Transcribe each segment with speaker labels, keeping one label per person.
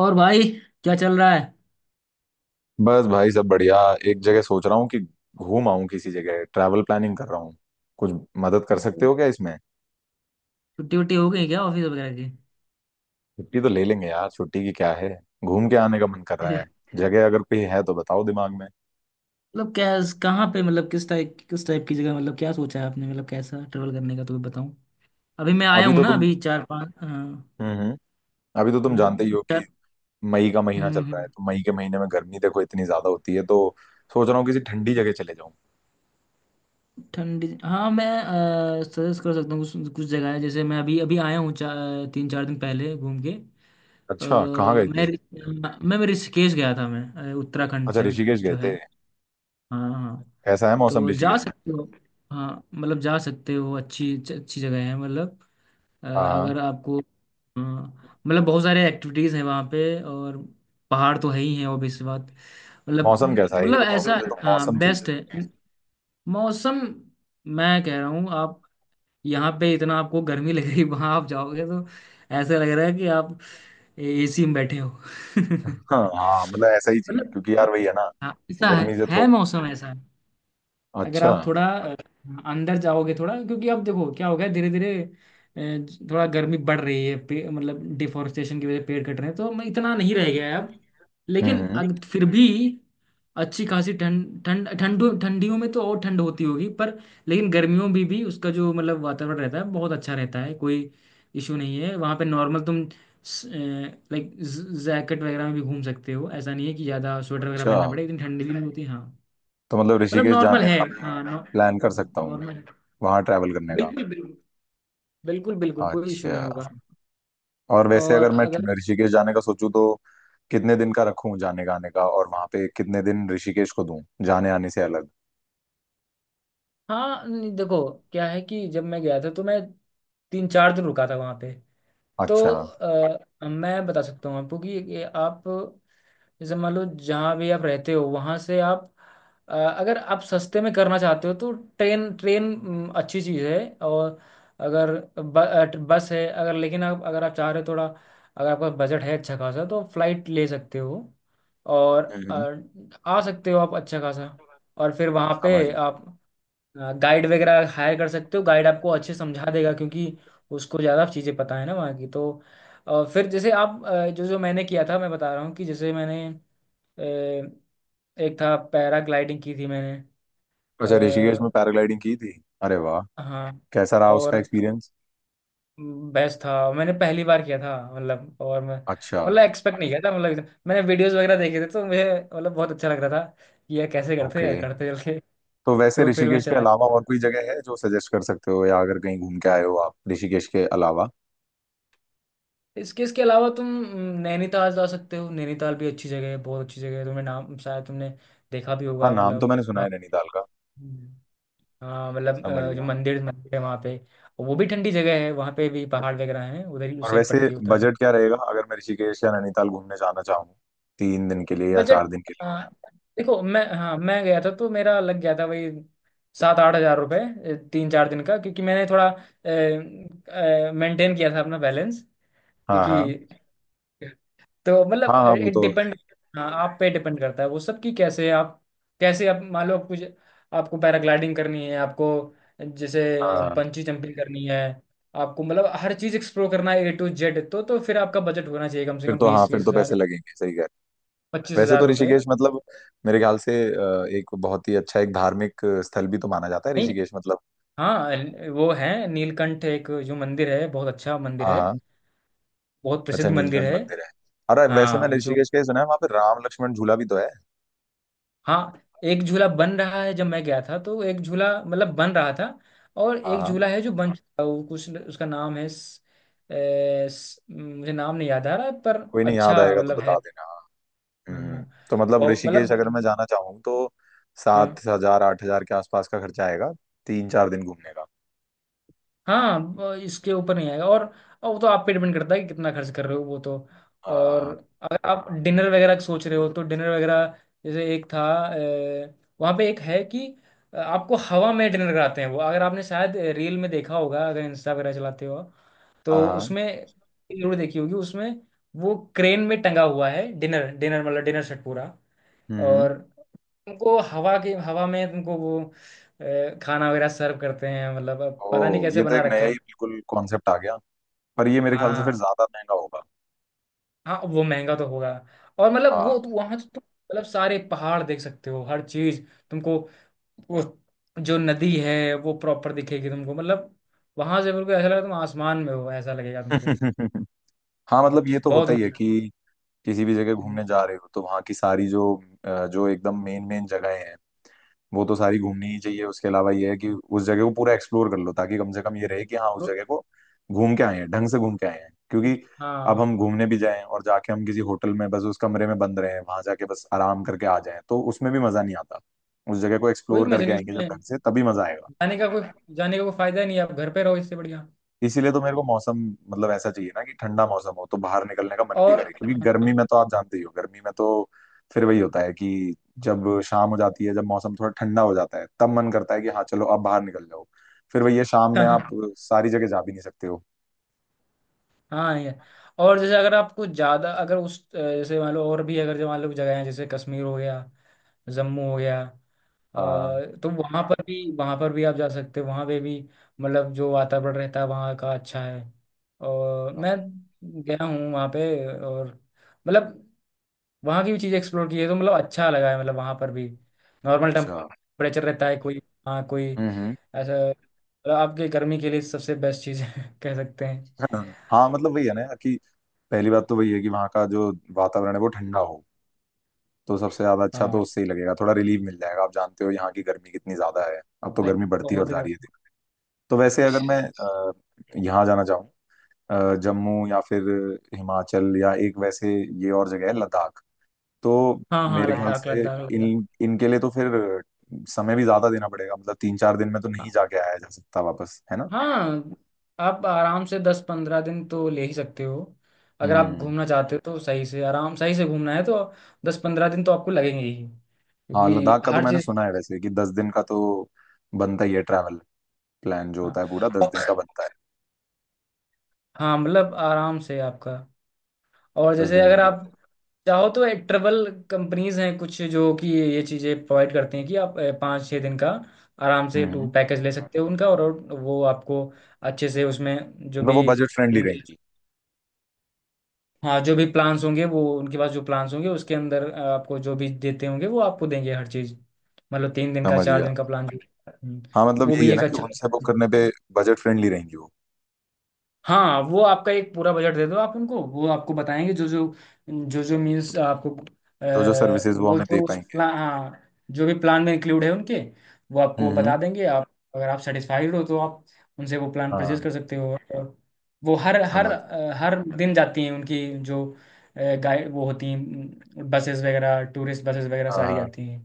Speaker 1: और भाई, क्या चल रहा है?
Speaker 2: बस भाई, सब बढ़िया। एक जगह सोच रहा हूँ कि घूम आऊं किसी जगह। ट्रैवल प्लानिंग कर रहा हूँ कुछ, मदद कर सकते
Speaker 1: जी।
Speaker 2: हो क्या इसमें?
Speaker 1: छुट्टी वुट्टी हो गई क्या ऑफिस वगैरह की?
Speaker 2: छुट्टी तो ले लेंगे यार, छुट्टी की क्या है। घूम के आने का मन कर रहा है। जगह अगर कोई है तो बताओ दिमाग में।
Speaker 1: मतलब क्या कहाँ पे, मतलब किस टाइप की जगह, मतलब क्या सोचा है आपने, मतलब कैसा ट्रेवल करने का तो बताऊँ। अभी मैं आया
Speaker 2: अभी
Speaker 1: हूँ
Speaker 2: तो
Speaker 1: ना,
Speaker 2: तुम
Speaker 1: अभी 4 5
Speaker 2: हम्म हम्म अभी तो तुम जानते ही
Speaker 1: हम्म,
Speaker 2: हो कि
Speaker 1: चार-
Speaker 2: मई का महीना चल
Speaker 1: हम्म,
Speaker 2: रहा है,
Speaker 1: हम्म,
Speaker 2: तो मई के महीने में गर्मी देखो इतनी ज्यादा होती है, तो सोच रहा हूँ किसी ठंडी जगह चले जाऊं।
Speaker 1: ठंडी हाँ। मैं सजेस्ट कर सकता हूँ, कुछ कुछ जगह है। जैसे मैं अभी अभी आया हूँ, चार तीन चार दिन पहले घूम के। अ,
Speaker 2: अच्छा, कहाँ गए
Speaker 1: मैं
Speaker 2: थे?
Speaker 1: मैं मैं ऋषिकेश गया था। उत्तराखंड
Speaker 2: अच्छा,
Speaker 1: साइड
Speaker 2: ऋषिकेश गए
Speaker 1: जो है।
Speaker 2: थे।
Speaker 1: हाँ हाँ हाँ।
Speaker 2: कैसा है मौसम
Speaker 1: तो जा
Speaker 2: ऋषिकेश में?
Speaker 1: सकते हो। हाँ, मतलब जा सकते हो, अच्छी अच्छी जगह है, मतलब
Speaker 2: हाँ, हाँ।
Speaker 1: अगर आपको। हाँ, मतलब बहुत सारे एक्टिविटीज़ हैं वहाँ पे, और पहाड़ तो है ही है, ऑब्वियस बात। मतलब,
Speaker 2: मौसम कैसा है ये
Speaker 1: मतलब
Speaker 2: बताओ
Speaker 1: ऐसा,
Speaker 2: मुझे, तो
Speaker 1: हाँ,
Speaker 2: मौसम।
Speaker 1: बेस्ट है मौसम। मैं कह रहा हूँ आप, यहाँ पे इतना आपको गर्मी लगेगी, वहाँ आप जाओगे तो ऐसा लग रहा है कि आप एसी में बैठे हो
Speaker 2: हाँ, हाँ, मतलब ऐसा ही चाहिए
Speaker 1: मतलब
Speaker 2: क्योंकि यार वही है ना,
Speaker 1: हाँ, ऐसा है
Speaker 2: गर्मी से
Speaker 1: है
Speaker 2: थोड़ा।
Speaker 1: मौसम ऐसा। अगर
Speaker 2: अच्छा।
Speaker 1: आप थोड़ा अंदर जाओगे थोड़ा, क्योंकि अब देखो क्या हो गया, धीरे धीरे थोड़ा गर्मी बढ़ रही है पे, मतलब डिफोरेस्टेशन की वजह से पेड़ कट रहे हैं तो इतना नहीं रह गया है अब। लेकिन
Speaker 2: हम्म, लेकिन।
Speaker 1: फिर भी अच्छी खासी ठंड, ठंड ठंड ठंडियों में तो और ठंड होती होगी, पर लेकिन गर्मियों में भी उसका जो मतलब वातावरण रहता है बहुत अच्छा रहता है। कोई इशू नहीं है वहाँ पे, नॉर्मल तुम लाइक जैकेट वगैरह में भी घूम सकते हो। ऐसा नहीं है कि ज़्यादा स्वेटर वगैरह
Speaker 2: अच्छा।
Speaker 1: पहनना पड़े, इतनी ठंडी भी नहीं होती, हाँ।
Speaker 2: तो मतलब
Speaker 1: मतलब
Speaker 2: ऋषिकेश
Speaker 1: नॉर्मल
Speaker 2: जाने
Speaker 1: है,
Speaker 2: का
Speaker 1: नॉर्मल है,
Speaker 2: मैं
Speaker 1: हाँ।
Speaker 2: प्लान कर
Speaker 1: हाँ,
Speaker 2: सकता हूँ
Speaker 1: नॉर्मल है।
Speaker 2: वहां ट्रैवल करने का?
Speaker 1: बिल्कुल बिल्कुल। बिल्कुल बिल्कुल कोई इशू
Speaker 2: अच्छा।
Speaker 1: नहीं होगा।
Speaker 2: और वैसे
Speaker 1: और
Speaker 2: अगर मैं
Speaker 1: अगर,
Speaker 2: ऋषिकेश जाने का सोचूं तो कितने दिन का रखूं जाने का आने का, और वहां पे कितने दिन ऋषिकेश को दूं जाने आने से अलग?
Speaker 1: हाँ नहीं, देखो क्या है कि जब मैं गया था तो मैं 3 4 दिन रुका था वहां पे। तो
Speaker 2: अच्छा।
Speaker 1: मैं बता सकता हूँ आपको कि ये आप, जैसे मान लो जहाँ भी आप रहते हो वहाँ से आप, अगर आप सस्ते में करना चाहते हो तो ट्रेन ट्रेन अच्छी चीज़ है। और अगर बस है अगर, लेकिन आप अगर आप चाह रहे हो थोड़ा, अगर आपका बजट है अच्छा खासा तो फ्लाइट ले सकते हो। और
Speaker 2: हम्म।
Speaker 1: अ, आ सकते हो आप अच्छा खासा। और फिर वहाँ
Speaker 2: समझ
Speaker 1: पे आप
Speaker 2: गया।
Speaker 1: गाइड वगैरह हायर कर सकते हो, गाइड आपको अच्छे समझा देगा क्योंकि उसको ज़्यादा चीज़ें पता है ना वहाँ की। तो फिर जैसे जो जो मैंने किया था मैं बता रहा हूँ, कि जैसे मैंने अ, एक था पैराग्लाइडिंग की थी मैंने।
Speaker 2: अच्छा, ऋषिकेश में
Speaker 1: आ,
Speaker 2: पैराग्लाइडिंग की थी? अरे वाह!
Speaker 1: हाँ,
Speaker 2: कैसा रहा उसका
Speaker 1: और
Speaker 2: एक्सपीरियंस?
Speaker 1: बेस्ट था, मैंने पहली बार किया था, मतलब। और मैं
Speaker 2: अच्छा।
Speaker 1: मतलब एक्सपेक्ट नहीं किया था, मतलब मैंने वीडियोस वगैरह देखे थे तो मुझे, मतलब बहुत अच्छा लग रहा था कि यार कैसे करते हैं
Speaker 2: ओके।
Speaker 1: यार, करते चल के।
Speaker 2: तो वैसे
Speaker 1: तो फिर मैं
Speaker 2: ऋषिकेश के
Speaker 1: चला,
Speaker 2: अलावा और कोई जगह है जो सजेस्ट कर सकते हो, या अगर कहीं घूम के आए हो आप ऋषिकेश के अलावा?
Speaker 1: इसके इसके अलावा तुम नैनीताल जा सकते हो। नैनीताल भी अच्छी जगह है, बहुत अच्छी जगह है। तुम्हें नाम शायद तुमने देखा भी
Speaker 2: हाँ,
Speaker 1: होगा,
Speaker 2: नाम तो
Speaker 1: मतलब
Speaker 2: मैंने सुना
Speaker 1: वहाँ।
Speaker 2: है नैनीताल का।
Speaker 1: हम्म। हाँ, मतलब
Speaker 2: समझ
Speaker 1: जो
Speaker 2: गया।
Speaker 1: मंदिर मंदिर है वहाँ पे, वो भी ठंडी जगह है, वहाँ पे भी पहाड़ वगैरह हैं, उधर ही उस
Speaker 2: और
Speaker 1: साइड
Speaker 2: वैसे
Speaker 1: पड़ती है उत्तराखंड।
Speaker 2: बजट क्या रहेगा अगर मैं ऋषिकेश या नैनीताल घूमने जाना चाहूँ 3 दिन के लिए या
Speaker 1: बजट,
Speaker 2: 4 दिन के
Speaker 1: अ,
Speaker 2: लिए?
Speaker 1: देखो मैं, हाँ मैं गया था तो मेरा लग गया था वही, 7-8 हजार रुपये, 3 4 दिन का, क्योंकि मैंने थोड़ा मेंटेन किया था अपना बैलेंस,
Speaker 2: हाँ,
Speaker 1: क्योंकि।
Speaker 2: हाँ।
Speaker 1: तो मतलब
Speaker 2: हाँ, हाँ, वो
Speaker 1: इट
Speaker 2: तो
Speaker 1: डिपेंड,
Speaker 2: है।
Speaker 1: हाँ आप पे डिपेंड करता है वो सब, कि कैसे आप, कैसे आप मान लो आप कुछ, आपको पैराग्लाइडिंग करनी है, आपको जैसे
Speaker 2: हाँ,
Speaker 1: पंची जंपिंग करनी है, आपको मतलब हर चीज़ एक्सप्लोर करना है ए टू जेड, तो फिर आपका बजट होना चाहिए कम से
Speaker 2: फिर
Speaker 1: कम
Speaker 2: तो, हाँ,
Speaker 1: बीस
Speaker 2: फिर
Speaker 1: तीस
Speaker 2: तो पैसे
Speaker 1: हजार
Speaker 2: लगेंगे, सही कह रहे हो।
Speaker 1: पच्चीस
Speaker 2: वैसे
Speaker 1: हजार
Speaker 2: तो
Speaker 1: रुपये
Speaker 2: ऋषिकेश मतलब मेरे ख्याल से एक बहुत ही अच्छा, एक धार्मिक स्थल भी तो माना जाता है
Speaker 1: नहीं,
Speaker 2: ऋषिकेश मतलब।
Speaker 1: हाँ वो है नीलकंठ, एक जो मंदिर है बहुत अच्छा मंदिर
Speaker 2: हाँ,
Speaker 1: है,
Speaker 2: हाँ।
Speaker 1: बहुत
Speaker 2: अच्छा,
Speaker 1: प्रसिद्ध मंदिर
Speaker 2: नीलकंठ
Speaker 1: है।
Speaker 2: मंदिर है। अरे, वैसे
Speaker 1: हाँ
Speaker 2: मैंने
Speaker 1: जो,
Speaker 2: ऋषिकेश का ही सुना है वहाँ पे राम लक्ष्मण झूला भी तो है।
Speaker 1: हाँ, एक झूला बन रहा है, जब मैं गया था तो एक झूला मतलब बन रहा था, और
Speaker 2: हाँ,
Speaker 1: एक
Speaker 2: हाँ,
Speaker 1: झूला है जो बन चुका है, वो कुछ उसका नाम है, मुझे नाम नहीं याद आ रहा पर
Speaker 2: कोई नहीं, याद
Speaker 1: अच्छा
Speaker 2: आएगा तो
Speaker 1: मतलब है।
Speaker 2: बता देना, हाँ। हम्म।
Speaker 1: हाँ,
Speaker 2: तो मतलब
Speaker 1: और
Speaker 2: ऋषिकेश अगर मैं
Speaker 1: मतलब,
Speaker 2: जाना चाहूँ तो
Speaker 1: हाँ
Speaker 2: 7,000 8,000 के आसपास का खर्चा आएगा 3-4 दिन घूमने का।
Speaker 1: हाँ, इसके ऊपर नहीं आएगा। और वो तो आप पे डिपेंड करता है कि कितना खर्च कर रहे हो वो तो। और
Speaker 2: हाँ,
Speaker 1: अगर आप डिनर वगैरह सोच रहे हो तो डिनर वगैरह, जैसे एक था, अ, वहाँ पे एक है कि आपको हवा में डिनर कराते हैं वो, अगर आपने शायद रील में देखा होगा, अगर इंस्टा वगैरह चलाते हो तो
Speaker 2: हाँ।
Speaker 1: उसमें जरूर देखी होगी उसमें। वो क्रेन में टंगा हुआ है डिनर, डिनर सेट पूरा।
Speaker 2: हम्म,
Speaker 1: और उनको हवा के, हवा में तुमको वो खाना वगैरह सर्व करते हैं, मतलब अब
Speaker 2: ओ,
Speaker 1: पता नहीं कैसे
Speaker 2: ये तो
Speaker 1: बना
Speaker 2: एक नया
Speaker 1: रखा।
Speaker 2: ही बिल्कुल कॉन्सेप्ट आ गया। पर ये मेरे ख्याल से फिर
Speaker 1: हाँ,
Speaker 2: ज्यादा महंगा होगा।
Speaker 1: हाँ वो महंगा तो होगा। और मतलब वो तो
Speaker 2: हाँ।
Speaker 1: वहां तो तुम मतलब सारे पहाड़ देख सकते हो, हर चीज तुमको, वो जो नदी है वो प्रॉपर दिखेगी तुमको, मतलब वहां से बिल्कुल ऐसा लगेगा तुम आसमान में हो, ऐसा लगेगा तुमको,
Speaker 2: हाँ, मतलब ये तो
Speaker 1: बहुत
Speaker 2: होता ही है
Speaker 1: ऊंचा।
Speaker 2: कि किसी भी जगह
Speaker 1: हम्म।
Speaker 2: घूमने जा रहे हो तो वहाँ की सारी जो जो एकदम मेन मेन जगहें हैं वो तो सारी घूमनी ही चाहिए। उसके अलावा ये है कि उस जगह को पूरा एक्सप्लोर कर लो ताकि कम से कम ये रहे कि हाँ, उस
Speaker 1: तो,
Speaker 2: जगह को घूम के आए हैं, ढंग से घूम के आए हैं, क्योंकि अब
Speaker 1: हाँ
Speaker 2: हम घूमने भी जाएं और जाके हम किसी होटल में बस उस कमरे में बंद रहे हैं, वहां जाके बस आराम करके आ जाएं, तो उसमें भी मजा नहीं आता। उस जगह को
Speaker 1: कोई
Speaker 2: एक्सप्लोर
Speaker 1: मजा
Speaker 2: करके
Speaker 1: नहीं
Speaker 2: आएंगे
Speaker 1: उसमें
Speaker 2: जब ढंग से, तभी मजा आएगा।
Speaker 1: जाने का, कोई जाने का कोई फायदा नहीं है, आप घर पे रहो इससे बढ़िया।
Speaker 2: इसीलिए तो मेरे को मौसम, मतलब ऐसा चाहिए ना कि ठंडा मौसम हो तो बाहर निकलने का मन भी
Speaker 1: और
Speaker 2: करे, क्योंकि गर्मी
Speaker 1: हाँ
Speaker 2: में तो आप जानते ही हो, गर्मी में तो फिर वही होता है कि जब शाम हो जाती है, जब मौसम थोड़ा ठंडा हो जाता है, तब मन करता है कि हाँ, चलो अब बाहर निकल जाओ। फिर वही है, शाम में आप
Speaker 1: हाँ
Speaker 2: सारी जगह जा भी नहीं सकते हो।
Speaker 1: हाँ, ये, और जैसे अगर आपको ज्यादा, अगर उस जैसे मान लो, और भी अगर जो मान लो जगह है जैसे कश्मीर हो गया, जम्मू हो गया, अ,
Speaker 2: हाँ।
Speaker 1: तो वहां, हाँ पर भी वहां पर भी आप जा सकते हो, वहां पे भी मतलब जो वातावरण रहता है वहां का अच्छा है। और मैं गया हूँ वहां पे, और मतलब वहां की भी चीज़ एक्सप्लोर की है, तो मतलब अच्छा लगा है, मतलब वहां पर भी नॉर्मल
Speaker 2: अच्छा।
Speaker 1: टेम्परेचर रहता है, कोई, हाँ कोई
Speaker 2: हम्म,
Speaker 1: ऐसा, मतलब आपके गर्मी के लिए सबसे बेस्ट चीज़ है कह सकते हैं।
Speaker 2: हम्म। हाँ, मतलब वही है ना कि पहली बात तो वही है कि वहाँ का जो वातावरण है वो ठंडा हो, तो सबसे ज्यादा अच्छा तो
Speaker 1: हाँ,
Speaker 2: उससे ही लगेगा, थोड़ा रिलीफ मिल जाएगा। आप जानते हो यहाँ की गर्मी कितनी ज्यादा है, अब तो गर्मी
Speaker 1: गर्मी
Speaker 2: बढ़ती और
Speaker 1: बहुत ही
Speaker 2: जा
Speaker 1: गर्म।
Speaker 2: रही है दिन पे। तो वैसे अगर मैं यहाँ जाना चाहूँ, जम्मू या फिर हिमाचल, या एक वैसे ये और जगह है लद्दाख, तो
Speaker 1: हाँ हाँ,
Speaker 2: मेरे ख्याल
Speaker 1: लद्दाख
Speaker 2: से
Speaker 1: लद्दाख लद्दाख।
Speaker 2: इन, इनके लिए तो फिर समय भी ज्यादा देना पड़ेगा, मतलब 3-4 दिन में तो नहीं जाके आया जा सकता वापस, है ना?
Speaker 1: हाँ, आप आराम से 10-15 दिन तो ले ही सकते हो, अगर आप
Speaker 2: हम्म।
Speaker 1: घूमना चाहते हो तो सही से, आराम सही से घूमना है तो 10-15 दिन तो आपको लगेंगे ही,
Speaker 2: हाँ,
Speaker 1: क्योंकि
Speaker 2: लद्दाख का तो
Speaker 1: हर
Speaker 2: मैंने
Speaker 1: चीज़।
Speaker 2: सुना है वैसे कि 10 दिन का तो बनता ही है ट्रैवल प्लान, जो
Speaker 1: हाँ,
Speaker 2: होता है पूरा 10 दिन का
Speaker 1: और,
Speaker 2: बनता है,
Speaker 1: हाँ, मतलब आराम से आपका। और
Speaker 2: दस
Speaker 1: जैसे
Speaker 2: दिन
Speaker 1: अगर
Speaker 2: लग
Speaker 1: आप
Speaker 2: जाते
Speaker 1: चाहो तो एक ट्रेवल कंपनीज हैं कुछ, जो कि ये चीज़ें प्रोवाइड करती हैं कि आप 5-6 दिन का आराम से
Speaker 2: हैं।
Speaker 1: Tour
Speaker 2: hmm.
Speaker 1: पैकेज ले सकते हो उनका। और वो आपको अच्छे से उसमें जो
Speaker 2: मतलब
Speaker 1: भी
Speaker 2: वो बजट फ्रेंडली
Speaker 1: उनके,
Speaker 2: रहेंगी?
Speaker 1: हाँ जो भी प्लान्स होंगे वो, उनके पास जो प्लान्स होंगे उसके अंदर आपको जो भी देते होंगे वो आपको देंगे हर चीज, मतलब तीन दिन का
Speaker 2: समझ
Speaker 1: चार
Speaker 2: गया।
Speaker 1: दिन का प्लान जो। हम्म,
Speaker 2: हाँ, मतलब
Speaker 1: वो
Speaker 2: यही
Speaker 1: भी
Speaker 2: है ना
Speaker 1: एक
Speaker 2: कि
Speaker 1: अच्छा।
Speaker 2: उनसे बुक करने पे बजट फ्रेंडली रहेंगी वो।
Speaker 1: हाँ, वो आपका एक पूरा बजट दे दो आप उनको, वो आपको बताएंगे जो जो मीन्स आपको,
Speaker 2: जो जो सर्विसेज वो
Speaker 1: वो
Speaker 2: हमें
Speaker 1: जो
Speaker 2: दे
Speaker 1: उस
Speaker 2: पाएंगे।
Speaker 1: प्लान, हाँ, जो भी प्लान में इंक्लूड है उनके, वो आपको
Speaker 2: हम्म।
Speaker 1: बता देंगे। आप, अगर आप सेटिस्फाइड हो तो आप उनसे वो प्लान परचेज
Speaker 2: हाँ।
Speaker 1: कर सकते हो। और वो हर हर
Speaker 2: समझ गया।
Speaker 1: अ, हर दिन जाती हैं उनकी, जो गाइड वो होती हैं, बसेस वगैरह, टूरिस्ट बसेस वगैरह
Speaker 2: हाँ,
Speaker 1: सारी
Speaker 2: हाँ।
Speaker 1: जाती हैं।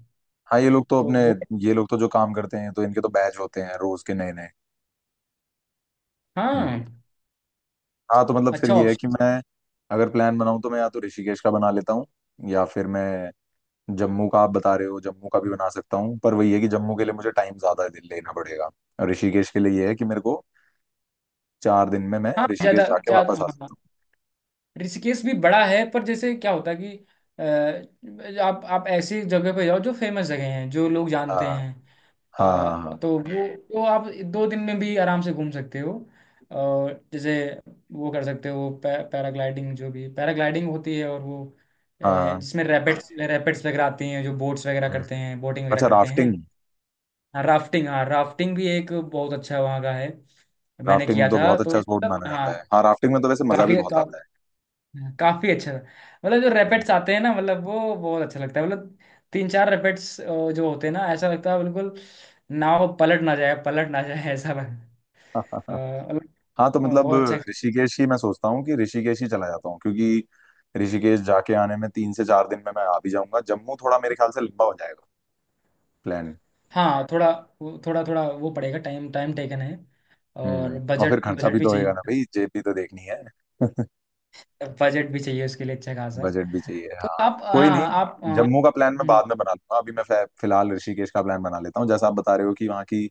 Speaker 2: हाँ, ये लोग तो
Speaker 1: तो
Speaker 2: अपने,
Speaker 1: वो
Speaker 2: ये लोग तो जो काम करते हैं तो इनके तो बैच होते हैं रोज के नए नए। हम्म।
Speaker 1: हाँ,
Speaker 2: हाँ, तो मतलब फिर
Speaker 1: अच्छा
Speaker 2: ये है
Speaker 1: ऑप्शन।
Speaker 2: कि मैं अगर प्लान बनाऊं तो मैं या तो ऋषिकेश का बना लेता हूँ, या फिर मैं जम्मू का, आप बता रहे हो जम्मू का भी बना सकता हूँ, पर वही है कि जम्मू के लिए मुझे टाइम ज्यादा लेना पड़ेगा। और ऋषिकेश के लिए ये है कि मेरे को 4 दिन में मैं
Speaker 1: हाँ,
Speaker 2: ऋषिकेश
Speaker 1: ज़्यादा
Speaker 2: जाके
Speaker 1: ज़्यादा
Speaker 2: वापस आ
Speaker 1: हाँ,
Speaker 2: सकता
Speaker 1: ऋषिकेश भी बड़ा है, पर जैसे क्या होता है कि आप आप ऐसी जगह पे जाओ जो फेमस जगह हैं, जो लोग
Speaker 2: हूँ।
Speaker 1: जानते
Speaker 2: हाँ,
Speaker 1: हैं,
Speaker 2: हाँ। हाँ, हाँ।
Speaker 1: तो वो, तो आप 2 दिन में भी आराम से घूम सकते हो। और जैसे वो कर सकते हो पैराग्लाइडिंग, जो भी पैराग्लाइडिंग होती है, और वो
Speaker 2: हाँ, हाँ।
Speaker 1: जिसमें रैपिड्स रैपिड्स वगैरह आती हैं, जो बोट्स वगैरह
Speaker 2: हम्म।
Speaker 1: करते हैं, बोटिंग वगैरह
Speaker 2: अच्छा,
Speaker 1: करते हैं।
Speaker 2: राफ्टिंग।
Speaker 1: हाँ राफ्टिंग, हाँ राफ्टिंग भी एक बहुत अच्छा वहाँ का है, मैंने किया
Speaker 2: राफ्टिंग तो
Speaker 1: था,
Speaker 2: बहुत
Speaker 1: तो
Speaker 2: अच्छा स्पोर्ट
Speaker 1: मतलब
Speaker 2: माना जाता
Speaker 1: हाँ,
Speaker 2: है, हाँ, राफ्टिंग में तो वैसे मजा भी
Speaker 1: काफी
Speaker 2: बहुत
Speaker 1: का,
Speaker 2: आता
Speaker 1: हाँ, काफी अच्छा था। मतलब जो
Speaker 2: है।
Speaker 1: रैपेट्स आते हैं ना, मतलब वो बहुत अच्छा लगता है, मतलब 3-4 रैपेट्स जो होते हैं ना, ऐसा लगता है बिल्कुल नाव पलट ना जाए, ऐसा लग,
Speaker 2: हम्म।
Speaker 1: अ, मतलब
Speaker 2: हाँ, तो
Speaker 1: और
Speaker 2: मतलब
Speaker 1: बहुत अच्छा।
Speaker 2: ऋषिकेश ही, मैं सोचता हूँ कि ऋषिकेश ही चला जाता हूँ, क्योंकि ऋषिकेश जाके आने में 3 से 4 दिन में मैं आ भी जाऊंगा, जम्मू थोड़ा मेरे ख्याल से लंबा हो जाएगा प्लान।
Speaker 1: हाँ थोड़ा, थोड़ा वो पड़ेगा, टाइम टाइम टेकन है। और
Speaker 2: हम्म। और फिर
Speaker 1: बजट
Speaker 2: खर्चा
Speaker 1: बजट
Speaker 2: भी
Speaker 1: भी
Speaker 2: तो होएगा
Speaker 1: चाहिए,
Speaker 2: ना भाई, जेब भी तो देखनी है।
Speaker 1: बजट भी चाहिए उसके लिए अच्छा खासा।
Speaker 2: बजट भी चाहिए,
Speaker 1: तो
Speaker 2: हाँ,
Speaker 1: आप,
Speaker 2: कोई नहीं।
Speaker 1: हाँ आप
Speaker 2: जम्मू का प्लान मैं बाद में बना लूंगा, अभी मैं फिलहाल ऋषिकेश का प्लान बना लेता हूँ, जैसा आप बता रहे हो कि वहाँ की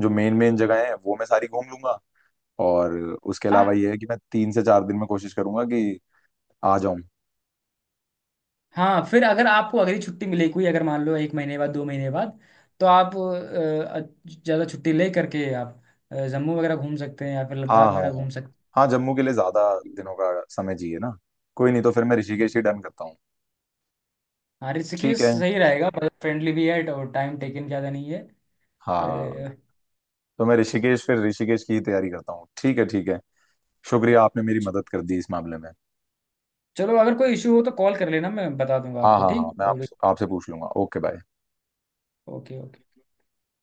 Speaker 2: जो मेन मेन जगह है वो मैं सारी घूम लूंगा। और उसके अलावा
Speaker 1: हाँ
Speaker 2: ये है कि मैं 3 से 4 दिन में कोशिश करूंगा कि आ जाऊं।
Speaker 1: हाँ, फिर अगर आपको अगली छुट्टी मिले कोई, अगर मान लो 1 महीने बाद 2 महीने बाद तो आप ज़्यादा छुट्टी ले करके आप जम्मू वगैरह घूम सकते हैं, या फिर
Speaker 2: हाँ,
Speaker 1: लद्दाख
Speaker 2: हाँ।
Speaker 1: वगैरह
Speaker 2: हाँ,
Speaker 1: घूम सकते
Speaker 2: हाँ। जम्मू के लिए ज्यादा दिनों का समय चाहिए ना, कोई नहीं, तो फिर मैं ऋषिकेश ही डन करता हूँ।
Speaker 1: हैं। हाँ,
Speaker 2: ठीक
Speaker 1: ऋषिकेश
Speaker 2: है।
Speaker 1: सही रहेगा, बजट फ्रेंडली भी है, और टाइम टेकन ज़्यादा नहीं है।
Speaker 2: हाँ,
Speaker 1: अ,
Speaker 2: तो मैं ऋषिकेश, फिर ऋषिकेश की ही तैयारी करता हूँ। ठीक है, ठीक है। शुक्रिया, आपने मेरी
Speaker 1: च-
Speaker 2: मदद कर दी इस मामले में।
Speaker 1: चलो, अगर कोई इशू हो तो कॉल कर लेना, मैं बता दूंगा
Speaker 2: हाँ,
Speaker 1: आपको
Speaker 2: हाँ, हाँ,
Speaker 1: ठीक। और
Speaker 2: आपसे पूछ लूंगा। Okay, bye.
Speaker 1: ओके।